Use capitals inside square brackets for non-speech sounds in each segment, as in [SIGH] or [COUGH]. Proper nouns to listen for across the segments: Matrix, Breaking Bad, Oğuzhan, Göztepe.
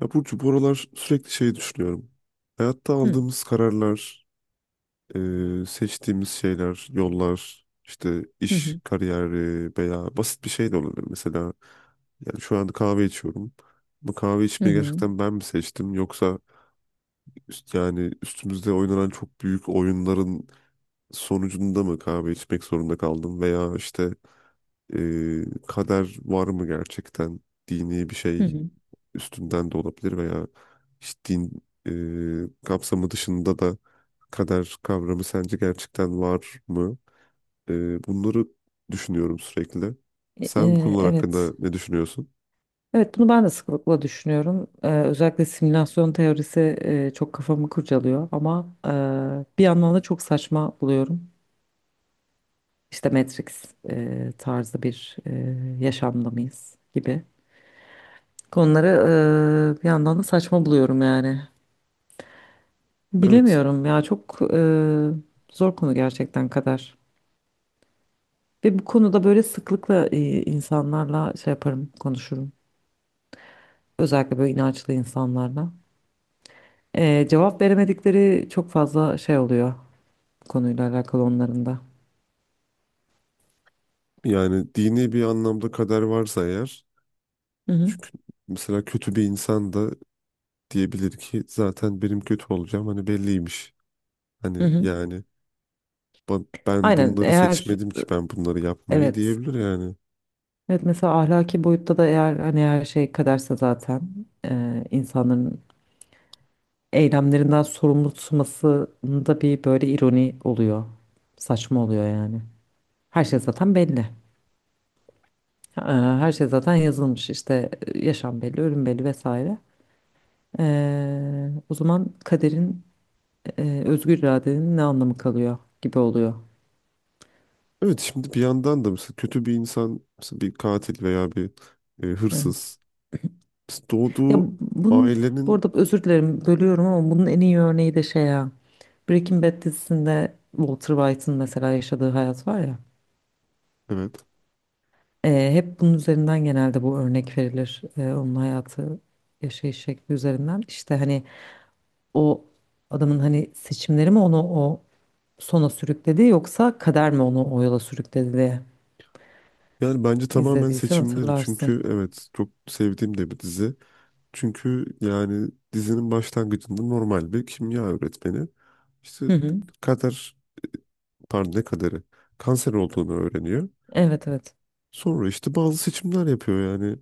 Ya Burcu bu aralar sürekli şey düşünüyorum. Hayatta Hı aldığımız kararlar, seçtiğimiz şeyler, yollar, işte hı iş, hı kariyeri veya basit bir şey de olabilir. Mesela yani şu anda kahve içiyorum. Bu kahve hı içmeyi hı. gerçekten ben mi seçtim yoksa yani üstümüzde oynanan çok büyük oyunların sonucunda mı kahve içmek zorunda kaldım veya işte kader var mı gerçekten, dini bir Hı şey hı. üstünden de olabilir veya işte din kapsamı dışında da kader kavramı sence gerçekten var mı? Bunları düşünüyorum sürekli. Sen bu konular Evet. hakkında ne düşünüyorsun? Evet bunu ben de sıklıkla düşünüyorum. Özellikle simülasyon teorisi çok kafamı kurcalıyor ama bir yandan da çok saçma buluyorum. İşte Matrix tarzı bir yaşamda mıyız gibi. Konuları bir yandan da saçma buluyorum yani. Evet. Bilemiyorum ya çok zor konu gerçekten kadar. Ve bu konuda böyle sıklıkla insanlarla şey yaparım, konuşurum. Özellikle böyle inançlı insanlarla. Cevap veremedikleri çok fazla şey oluyor konuyla alakalı onların da. Yani dini bir anlamda kader varsa eğer, Hı hı. çünkü mesela kötü bir insan da diyebilir ki zaten benim kötü olacağım hani belliymiş. Hı Hani hı. yani ben Aynen bunları eğer seçmedim ki, ben bunları yapmayı evet. diyebilir yani. Evet mesela ahlaki boyutta da eğer hani her şey kaderse zaten insanların eylemlerinden sorumlu tutmasında bir böyle ironi oluyor. Saçma oluyor yani. Her şey zaten belli. Ee, Her şey zaten yazılmış işte yaşam belli, ölüm belli vesaire. O zaman kaderin özgür iradenin ne anlamı kalıyor gibi oluyor. Evet, şimdi bir yandan da mesela kötü bir insan, mesela bir katil veya bir Evet. hırsız, mesela Ya doğduğu bunun bu ailenin, arada özür dilerim bölüyorum ama bunun en iyi örneği de şey ya Breaking Bad dizisinde Walter White'ın mesela yaşadığı hayat var ya evet hep bunun üzerinden genelde bu örnek verilir. E, onun hayatı yaşayış şekli üzerinden. İşte hani o adamın hani seçimleri mi onu o sona sürükledi yoksa kader mi onu o yola sürükledi diye yani bence tamamen izlediysen seçimleri, hatırlarsın. çünkü evet çok sevdiğim de bir dizi. Çünkü yani dizinin başlangıcında normal bir kimya öğretmeni işte Hı hı. kader pardon ne kaderi kanser olduğunu öğreniyor. Evet evet. Sonra işte bazı seçimler yapıyor yani.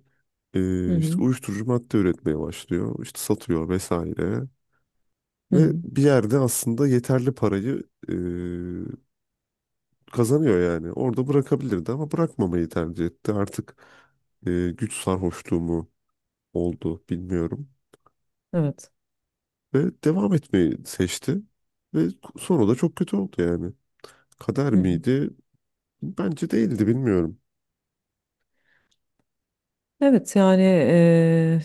Hı İşte hı. uyuşturucu madde üretmeye başlıyor, işte satıyor vesaire. Hı Ve hı. bir yerde aslında yeterli parayı e, kazanıyor yani. Orada bırakabilirdi ama bırakmamayı tercih etti. Artık güç sarhoşluğu mu oldu bilmiyorum. Evet. Ve devam etmeyi seçti. Ve sonra da çok kötü oldu yani. Kader Hı hı. miydi? Bence değildi, bilmiyorum. Evet yani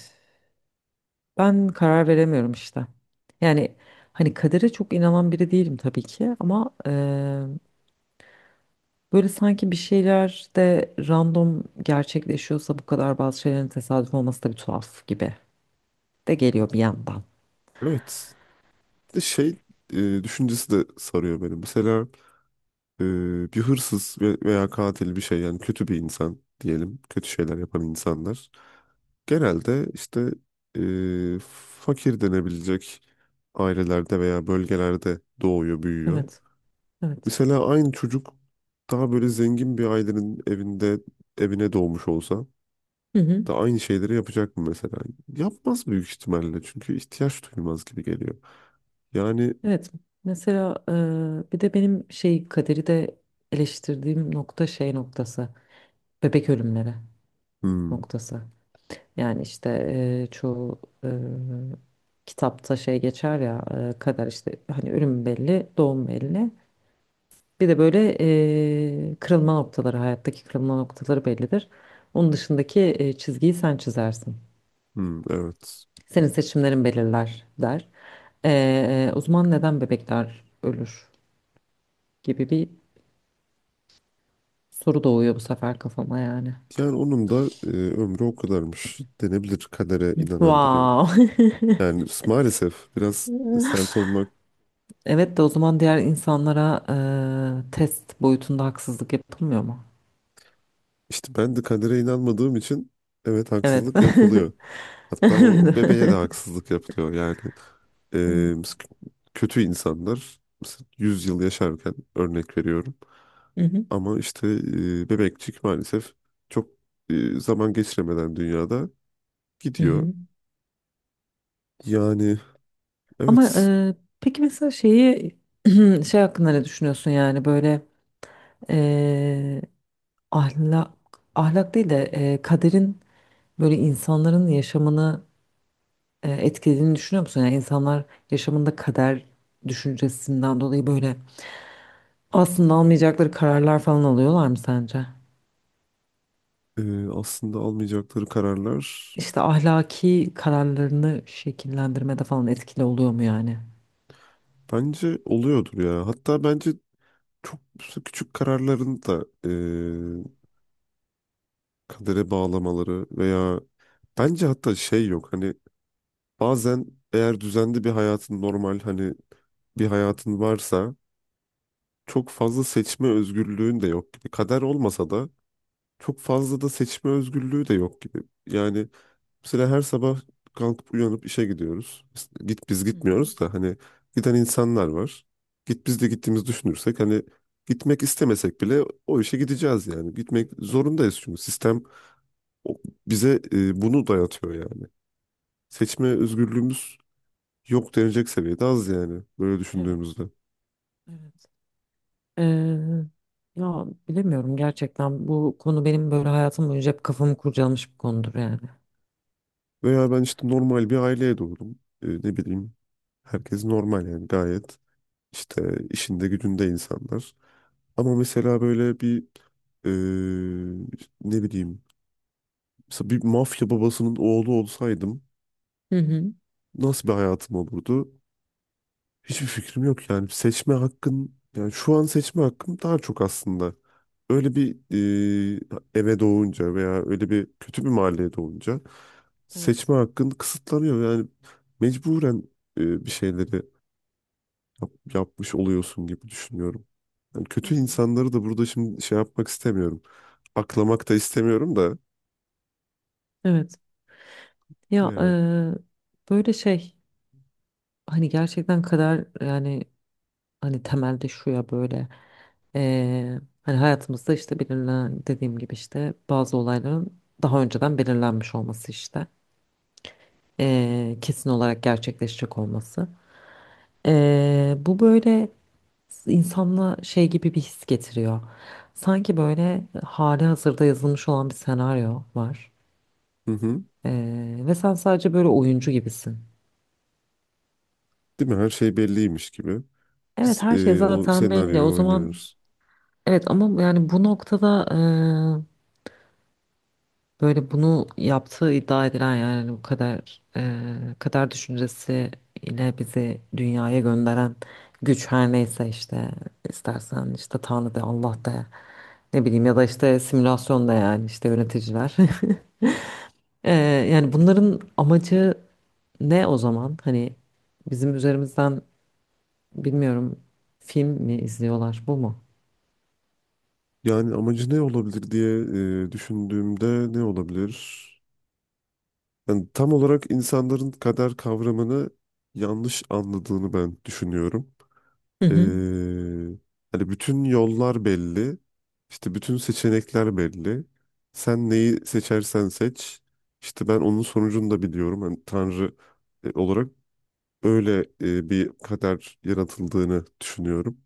ben karar veremiyorum işte. Yani hani kadere çok inanan biri değilim tabii ki ama böyle sanki bir şeyler de random gerçekleşiyorsa bu kadar bazı şeylerin tesadüf olması da bir tuhaf gibi de geliyor bir yandan. Evet. Bir de şey düşüncesi de sarıyor beni. Mesela e, bir hırsız veya katil bir şey, yani kötü bir insan diyelim. Kötü şeyler yapan insanlar. Genelde işte e, fakir denebilecek ailelerde veya bölgelerde doğuyor, büyüyor. Evet, evet. Mesela aynı çocuk daha böyle zengin bir ailenin evinde, evine doğmuş olsa Hı hı. da aynı şeyleri yapacak mı mesela? Yapmaz büyük ihtimalle çünkü ihtiyaç duyulmaz gibi geliyor. Yani. Evet. Mesela bir de benim şey kaderi de eleştirdiğim nokta şey noktası. Bebek ölümleri Hmm, noktası. Yani işte çoğu kitapta şey geçer ya kader işte hani ölüm belli, doğum belli. Bir de böyle kırılma noktaları, hayattaki kırılma noktaları bellidir. Onun dışındaki çizgiyi sen çizersin. hmm, evet. Senin seçimlerin belirler der. O zaman neden bebekler ölür gibi bir soru doğuyor bu sefer kafama yani. Yani onun da ömrü o kadarmış denebilir kadere inanan biri. Wow. [LAUGHS] Yani maalesef biraz sert olmak. Evet de o zaman diğer insanlara test boyutunda haksızlık yapılmıyor mu? İşte ben de kadere inanmadığım için evet Evet. haksızlık [LAUGHS] yapılıyor. Hatta o bebeğe de Evet. haksızlık yapılıyor. Yani e, s- [LAUGHS] kötü insanlar mesela 100 yıl yaşarken, örnek veriyorum. Hı hı, Ama işte bebekçik maalesef çok zaman geçiremeden dünyada hı gidiyor. hı. Yani Ama evet. Peki mesela şeyi [CLEARS THROAT] şey hakkında ne düşünüyorsun yani böyle e, ahlak değil de kaderin böyle insanların yaşamını etkilediğini düşünüyor musun? Yani insanlar yaşamında kader düşüncesinden dolayı böyle aslında almayacakları kararlar falan alıyorlar mı sence? Aslında almayacakları kararlar İşte ahlaki kararlarını şekillendirmede falan etkili oluyor mu yani? bence oluyordur ya. Hatta bence çok küçük kararların da kadere bağlamaları veya, bence hatta şey yok hani bazen eğer düzenli bir hayatın, normal hani bir hayatın varsa çok fazla seçme özgürlüğün de yok gibi. Kader olmasa da çok fazla da seçme özgürlüğü de yok gibi. Yani mesela her sabah kalkıp uyanıp işe gidiyoruz. Git, biz Hı hı. gitmiyoruz da hani giden insanlar var. Git biz de gittiğimizi düşünürsek hani gitmek istemesek bile o işe gideceğiz yani. Gitmek zorundayız çünkü sistem o- bize bunu dayatıyor yani. Seçme özgürlüğümüz yok denilecek seviyede az yani böyle Evet, düşündüğümüzde. evet. Ee, Ya bilemiyorum gerçekten bu konu benim böyle hayatım boyunca hep kafamı kurcalamış bir konudur yani. Veya ben işte normal bir aileye doğdum. E, ne bileyim, herkes normal, yani gayet işte işinde gücünde insanlar. Ama mesela böyle bir e, ne bileyim, mesela bir mafya babasının oğlu olsaydım Hı hı. nasıl bir hayatım olurdu? Hiçbir fikrim yok yani. Seçme hakkın, yani şu an seçme hakkım daha çok aslında. Öyle bir eve doğunca veya öyle bir kötü bir mahalleye doğunca Evet. seçme hakkın kısıtlanıyor. Yani mecburen bir şeyleri yapmış oluyorsun gibi düşünüyorum. Yani Hı kötü hı. insanları da burada şimdi şey yapmak istemiyorum. Aklamak da istemiyorum da. Evet. Öyle Ya yani. böyle şey hani gerçekten kader yani hani temelde şu ya böyle hani hayatımızda işte belirlen dediğim gibi işte bazı olayların daha önceden belirlenmiş olması işte kesin olarak gerçekleşecek olması. Bu böyle insanla şey gibi bir his getiriyor. Sanki böyle hali hazırda yazılmış olan bir senaryo var. Hı hı. Ve sen sadece böyle oyuncu gibisin. Değil mi? Her şey belliymiş gibi. Evet Biz her şey o zaten belli. O senaryoyu zaman oynuyoruz. evet ama yani bu noktada böyle bunu yaptığı iddia edilen yani bu kadar kader düşüncesi ile bizi dünyaya gönderen güç her neyse işte istersen işte Tanrı de Allah de ne bileyim ya da işte simülasyonda yani işte yöneticiler. [LAUGHS] Eee, Yani bunların amacı ne o zaman? Hani bizim üzerimizden bilmiyorum film mi izliyorlar bu mu? Yani amacı ne olabilir diye düşündüğümde ne olabilir? Yani tam olarak insanların kader kavramını yanlış anladığını ben düşünüyorum. Hı Ee, hı. Hani bütün yollar belli, işte bütün seçenekler belli. Sen neyi seçersen seç, işte ben onun sonucunu da biliyorum. Hani Tanrı olarak öyle bir kader yaratıldığını düşünüyorum.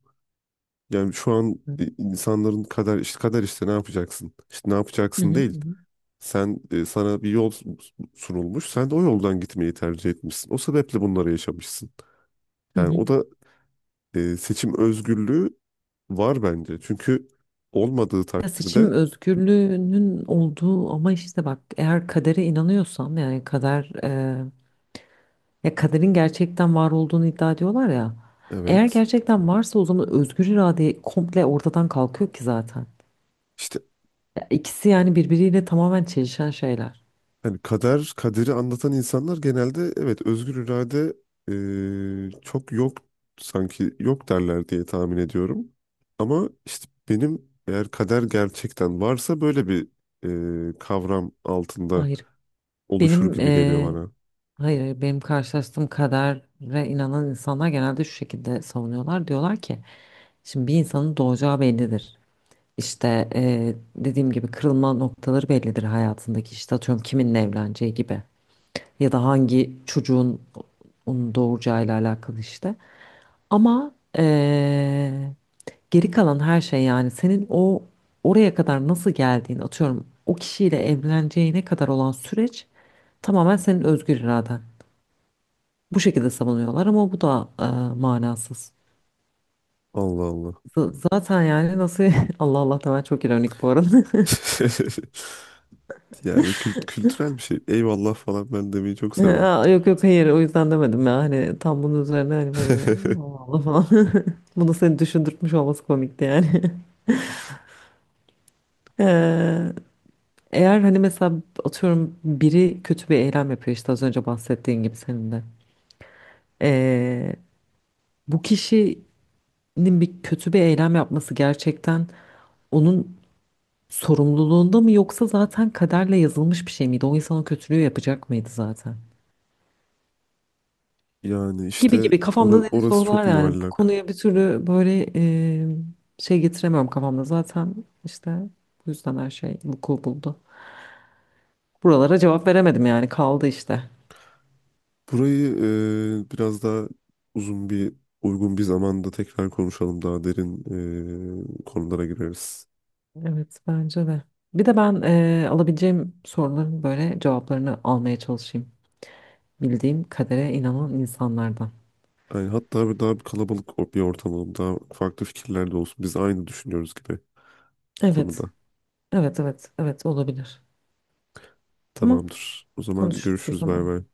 Yani şu an Hı insanların kader işte kader işte ne yapacaksın? İşte ne hı yapacaksın hı değil. hı. Sen sana bir yol sunulmuş. Sen de o yoldan gitmeyi tercih etmişsin. O sebeple bunları yaşamışsın. Hı Yani hı. o da seçim özgürlüğü var bence. Çünkü olmadığı Ya takdirde seçim özgürlüğünün olduğu ama işte bak eğer kadere inanıyorsam yani kader ya kaderin gerçekten var olduğunu iddia ediyorlar ya. Eğer evet, gerçekten varsa o zaman özgür irade komple ortadan kalkıyor ki zaten. işte Ya ikisi yani birbiriyle tamamen çelişen şeyler. hani kader, kaderi anlatan insanlar genelde evet özgür irade çok yok, sanki yok derler diye tahmin ediyorum. Ama işte benim, eğer kader gerçekten varsa böyle bir kavram altında Hayır oluşur benim gibi geliyor e, bana. hayır, benim karşılaştığım kadere inanan insanlar genelde şu şekilde savunuyorlar. Diyorlar ki şimdi bir insanın doğacağı bellidir. İşte dediğim gibi kırılma noktaları bellidir hayatındaki işte atıyorum kiminle evleneceği gibi ya da hangi çocuğun onu doğuracağıyla alakalı işte. Ama geri kalan her şey yani senin o oraya kadar nasıl geldiğin atıyorum o kişiyle evleneceğine kadar olan süreç tamamen senin özgür iraden. Bu şekilde savunuyorlar ama bu da manasız. Allah Allah. Zaten yani nasıl [LAUGHS] Allah Allah da ben çok ironik bu arada. [LAUGHS] Yani kültürel bir şey. Eyvallah falan ben demeyi çok [LAUGHS] severim. Aa, yok yok hayır o yüzden demedim ya hani tam bunun üzerine hani böyle bir [LAUGHS] Allah Allah falan [LAUGHS] bunu seni düşündürtmüş olması komikti yani. [LAUGHS] Ee, Eğer hani mesela atıyorum biri kötü bir eylem yapıyor işte az önce bahsettiğin gibi senin de. Ee, Bu kişinin bir kötü bir eylem yapması gerçekten onun sorumluluğunda mı yoksa zaten kaderle yazılmış bir şey miydi? O insan o kötülüğü yapacak mıydı zaten? Yani Gibi işte gibi kafamda deli orası çok sorular yani. Bu muallak. konuya bir türlü böyle şey getiremiyorum kafamda. Zaten işte bu yüzden her şey vuku buldu. Buralara cevap veremedim yani kaldı işte. Burayı biraz daha uzun bir, uygun bir zamanda tekrar konuşalım. Daha derin konulara gireriz. Evet bence de. Bir de ben alabileceğim soruların böyle cevaplarını almaya çalışayım. Bildiğim kadere inanan insanlardan. Yani hatta bir daha bir kalabalık bir ortam olalım. Daha farklı fikirler de olsun. Biz aynı düşünüyoruz gibi bu konuda. Evet, evet, evet, evet olabilir. Tamam, Tamamdır. O zaman konuşuruz o görüşürüz. Bay zaman. bay.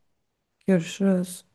Görüşürüz.